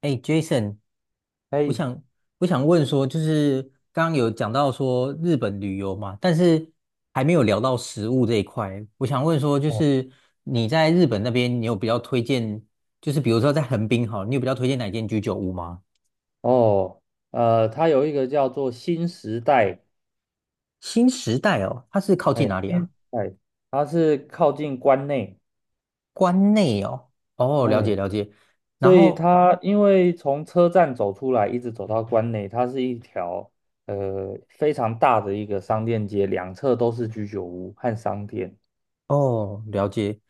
哎，Jason，我哎，想我想问说，就是刚刚有讲到说日本旅游嘛，但是还没有聊到食物这一块。我想问说，就哦，是你在日本那边，你有比较推荐，就是比如说在横滨哈，你有比较推荐哪间居酒屋吗？哦，它有一个叫做新时代，新时代哦，它是靠近哎，哪里新啊？时代，它是靠近关内，关内哦，哦，了解哎，了解。然所以后它因为从车站走出来，一直走到关内，它是一条非常大的一个商店街，两侧都是居酒屋和商店。哦，了解，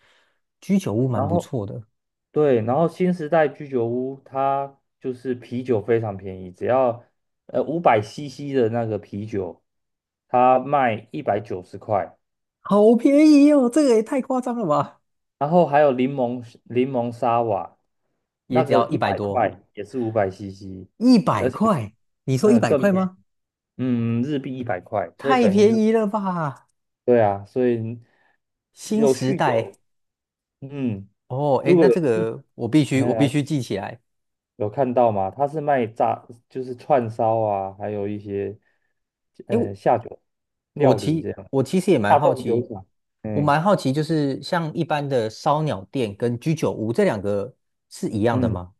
居酒屋蛮然不后错的，对，然后新时代居酒屋它就是啤酒非常便宜，只要五百 CC 的那个啤酒，它卖190块。好便宜哦，这个也太夸张了吧，然后还有柠檬沙瓦，也那只个要一一百百多。块也是五百 CC,一百而且块，你说一百更块便吗？宜，日币一百块，所以太等于便就宜了吧！对啊，所以新有时酗代酒，嗯，哦，哎，如果那这个我必须我必呃须记起来。有看到吗？他是卖炸，就是串烧啊，还有一些哎，下酒料理这样，我其实也蛮大好众酒奇，厂，我嗯蛮好奇，就是像一般的烧鸟店跟居酒屋这两个是一样的嗯，吗？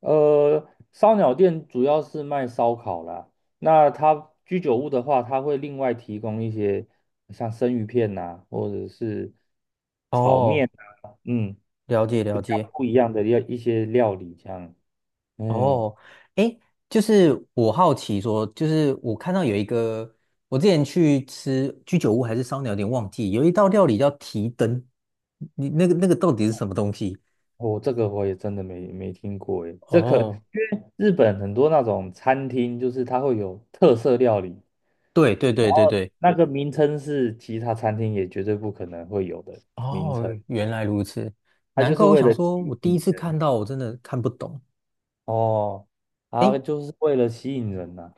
呃，烧鸟店主要是卖烧烤啦。那它居酒屋的话，它会另外提供一些像生鱼片呐、或者是炒面哦，啊，了解比了较解。不一样的一些料理这样。嗯，哦，诶，就是我好奇说，就是我看到有一个，我之前去吃居酒屋还是烧鸟，有点忘记，有一道料理叫提灯，你那个到底是什么东西？这个我也真的没听过诶，这可因哦，为日本很多那种餐厅，就是它会有特色料理，对对然对对后对，那个名称是其他餐厅也绝对不可能会有的名哦，称，原来如此，它难就怪是我为想了说，我吸第一引次看人。到，我真的看不懂。哦，啊，诶，就是为了吸引人呐、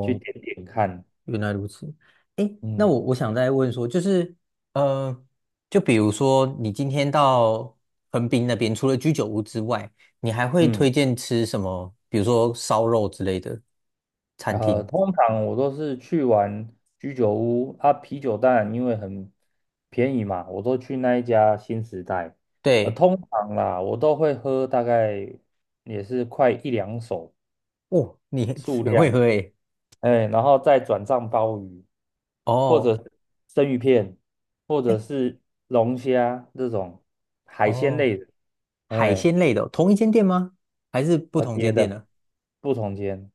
去点点看，原来如此，诶，那嗯我想再问说，就是，呃，就比如说你今天到横滨那边，除了居酒屋之外，你还会推嗯，荐吃什么？比如说烧肉之类的餐厅？通常我都是去玩居酒屋啊，啤酒当然因为很便宜嘛，我都去那一家新时代，对，通常啦，我都会喝大概也是快一两手哦，你 很数很会喝量，诶。哎，然后再转账鲍鱼，或哦，者是生鱼片，或者诶，是龙虾这种海鲜哦，类的，海哎。鲜类的哦，同一间店吗？还是不同别间店的呢？不同间，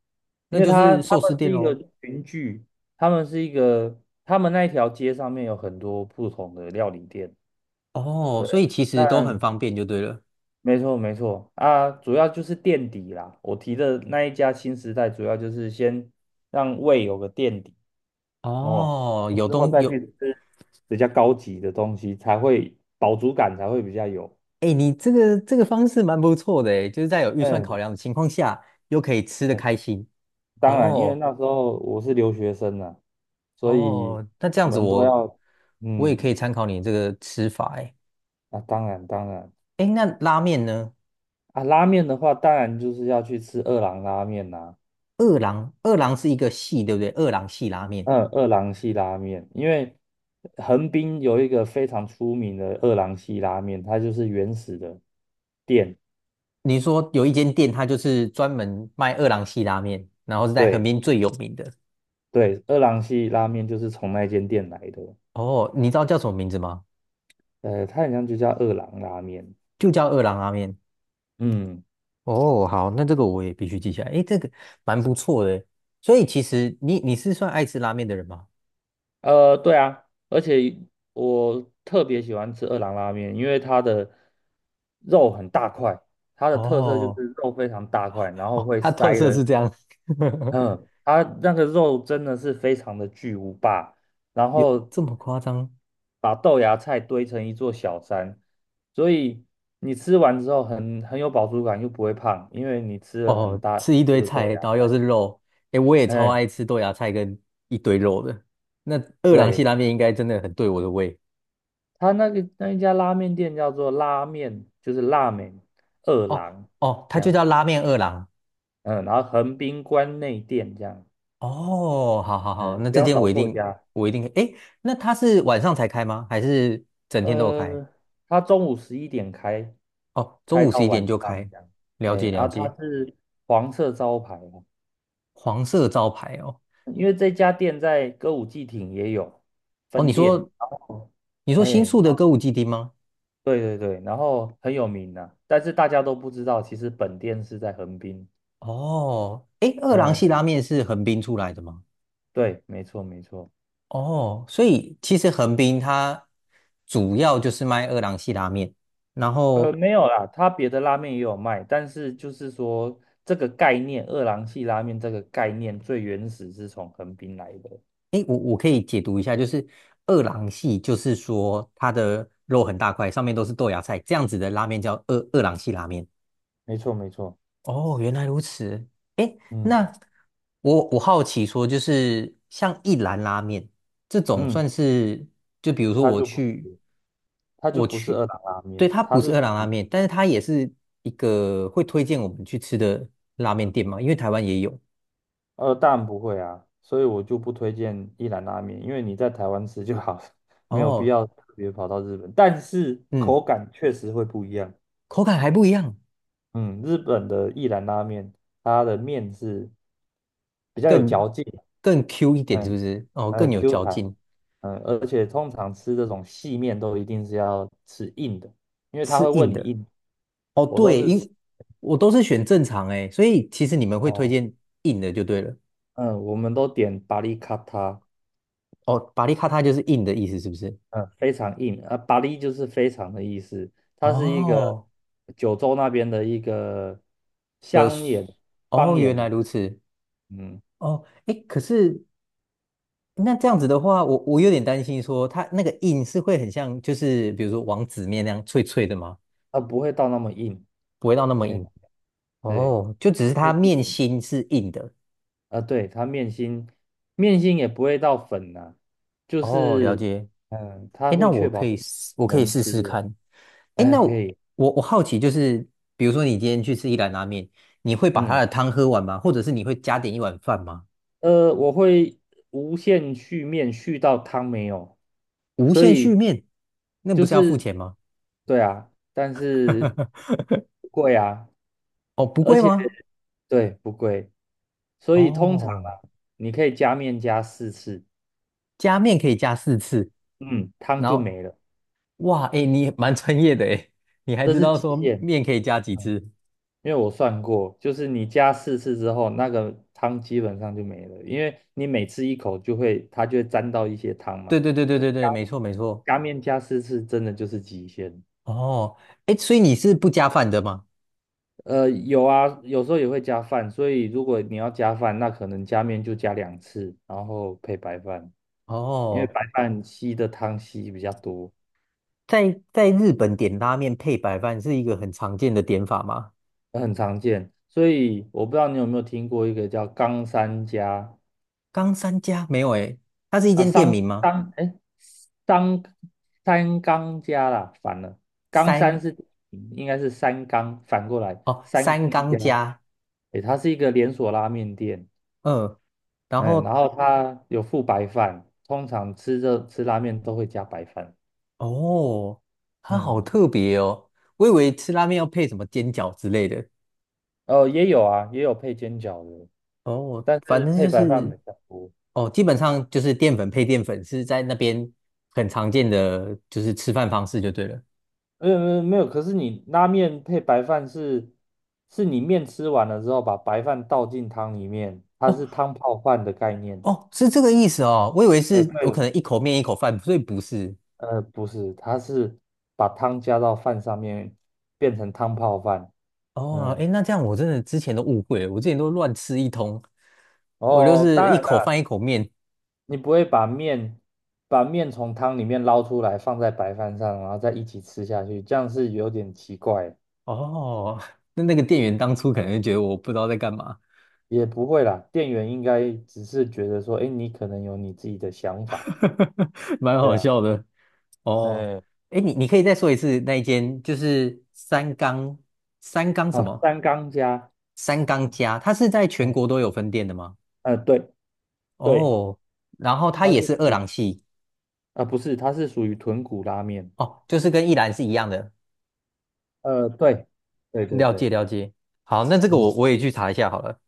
那因为就他是他寿司们店是一个喽。群聚，他们是一个，他们那一条街上面有很多不同的料理店。哦，对，所以其那实都很方便就对了。没错没错啊，主要就是垫底啦。我提的那一家新时代，主要就是先让胃有个垫底哦，哦，有之后东再有去吃比较高级的东西，才会饱足感才会比较有。哎，你这个方式蛮不错的哎，就是在有预算考嗯，量的情况下，又可以吃得开心。当然，因为哦那时候我是留学生啊，所以哦，那这样我子们都我要，我也嗯，可以参考你这个吃法哎。当然当然哎，那拉面呢？啊，拉面的话，当然就是要去吃二郎拉面啦、二郎是一个系，对不对？二郎系拉面，嗯，二郎系拉面，因为横滨有一个非常出名的二郎系拉面，它就是原始的店，你说有一间店，它就是专门卖二郎系拉面，然后是在横对滨最有名的。对，二郎系拉面就是从那间店来的，哦，你知道叫什么名字吗？它好像就叫二郎拉面，就叫二郎拉面。嗯。哦，好，那这个我也必须记下来。诶，这个蛮不错的。所以其实你是算爱吃拉面的人吗？对啊，而且我特别喜欢吃二郎拉面，因为它的肉很大块，它的特色就是哦 肉非常大块，然 后哦，会它塞特色了，是这样，嗯，它那个肉真的是非常的巨无霸，然有后这么夸张？把豆芽菜堆成一座小山，所以你吃完之后很有饱足感，又不会胖，因为你吃了很哦，大很吃一多堆的菜，豆芽然后又菜，是肉。诶，我也超嗯，爱吃豆芽菜跟一堆肉的。那二郎系对。拉面应该真的很对我的胃。他那个那一家拉面店叫做拉面，就是拉面二哦郎哦，这它就样，叫拉面二郎。嗯，然后横滨关内店这样，哦，好好好，嗯，那不这要间找我一错定家。我一定。诶，那它是晚上才开吗？还是整天都有开？呃，他中午11点开，哦，中开午到十一晚点就上开，这样，了哎，解然了后他解。是黄色招牌哦，黄色招牌哦，因为这家店在歌舞伎町也有哦，你分店，说然后，你说新哎，宿的歌舞伎町吗？对对对，然后很有名呐、但是大家都不知道，其实本店是在横滨。哦，诶，二郎系嗯，拉面是横滨出来的吗？对，没错没错。哦，所以其实横滨它主要就是卖二郎系拉面，然后没有啦，他别的拉面也有卖，但是就是说这个概念，二郎系拉面这个概念最原始是从横滨来的。诶，我可以解读一下，就是二郎系就是说它的肉很大块，上面都是豆芽菜，这样子的拉面叫二郎系拉面。没错，没错，哦，原来如此。诶，那嗯我好奇说，就是像一兰拉面这种，嗯，算是就比如说它我就不去是，它就我不是去，二郎拉对，面，它它不是是二属郎拉于面，但是它也是一个会推荐我们去吃的拉面店嘛，因为台湾也有。当然不会啊，所以我就不推荐一兰拉面，因为你在台湾吃就好了，没有必哦，要特别跑到日本，但是嗯，口感确实会不一样。口感还不一样，嗯，日本的一兰拉面，它的面是比较有更嚼劲。更 Q 一点，是不嗯。是？哦，更有Q 嚼弹，劲，而且通常吃这种细面都一定是要吃硬的，因为他吃会问硬你的。硬，哦，我都对，是吃我都是选正常诶，所以其实你们会推哦，荐硬的就对了。嗯，我们都点巴力卡塔，哦，巴利卡塔就是硬的意思，是不是？嗯，非常硬啊，巴力就是非常的意思，它是一个哦，九州那边的一个呃，乡野哦，方原言来呐、如此。嗯，哦，哎，可是那这样子的话，我有点担心说，它那个硬是会很像，就是比如说王子面那样脆脆的吗？它不会到那么硬，不会到那么哎，硬。对，哦，就只是因为它毕面竟。心是硬的。啊，对，它面心也不会到粉呐、就哦，了是解。它哎，那会确保是我可以能试吃试的，看。哎，哎，那可我以，我我好奇就是，比如说你今天去吃一兰拉面，你会把它嗯，的汤喝完吗？或者是你会加点一碗饭吗？我会无限续面续到汤没有，无所限续以面，那不就是要付是钱吗？对啊，但是 不贵啊，哦，不而贵且吗？对不贵，所以通常啊，哦，你可以加面加四次，加面可以加四次，嗯，汤然就后没了，哇，哎，你蛮专业的哎，你还这知是道极说限。面可以加几次？因为我算过，就是你加四次之后，那个汤基本上就没了，因为你每次一口就会，它就会沾到一些汤嘛，对对对对所以对对，加没错没错。加面加四次真的就是极限。哦，哎，所以你是不加饭的吗？有啊，有时候也会加饭，所以如果你要加饭，那可能加面就加2次，然后配白饭，因为哦，白饭吸的汤吸比较多，在日本点拉面配白饭是一个很常见的点法吗？很常见。所以我不知道你有没有听过一个叫冈山加。冈三加没有哎，它是一啊，间店三名吗？商哎，三三冈家啦，反了，冈三三是应该是三冈，反过来哦，三冈三冈家，加哎，它是一个连锁拉面店，嗯，然哎，然后后它有附白饭，通常吃拉面都会加白饭，哦，它好嗯，特别哦，我以为吃拉面要配什么煎饺之类的。哦，也有啊，也有配煎饺的，哦，但反是正配就白饭是，比较多，哦，基本上就是淀粉配淀粉是在那边很常见的，就是吃饭方式就对了。没有没有没有，可是你拉面配白饭是你面吃完了之后把白饭倒进汤里面，它哦是汤泡饭的概念。哦，是这个意思哦，我以为哎，是我可对，能一口面一口饭，所以不是。不是，它是把汤加到饭上面，变成汤泡饭。哦，嗯，哎，那这样我真的之前都误会了，我之前都乱吃一通，我就哦，当是一然口啦，饭一口面。你不会把面从汤里面捞出来，放在白饭上，然后再一起吃下去，这样是有点奇怪。哦，那个店员当初可能嗯，就觉得我不知道在干嘛。也不会啦，店员应该只是觉得说，哎，你可能有你自己的想法。蛮对好啊，笑的哦。嗯，哎，你可以再说一次那一间，就是三缸什好，么三缸加，三缸家，它是在全嗯，国都有分店的吗？对对，哦，然后它它也是是二属于郎系啊，不是，它是属于豚骨拉面。哦，就是跟一兰是一样的。对，对对了解对，了解，好，那这个嗯，我也去查一下好了。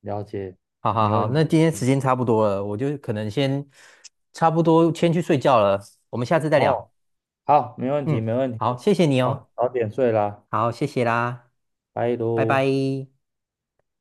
了解，好好没好，问题。那今天时间差不多了，我就可能先差不多先去睡觉了，我们下次再聊。哦，好，没问题，嗯，没问好，题。谢谢你哦，好，早点睡啦，好，谢谢啦，拜拜拜。喽。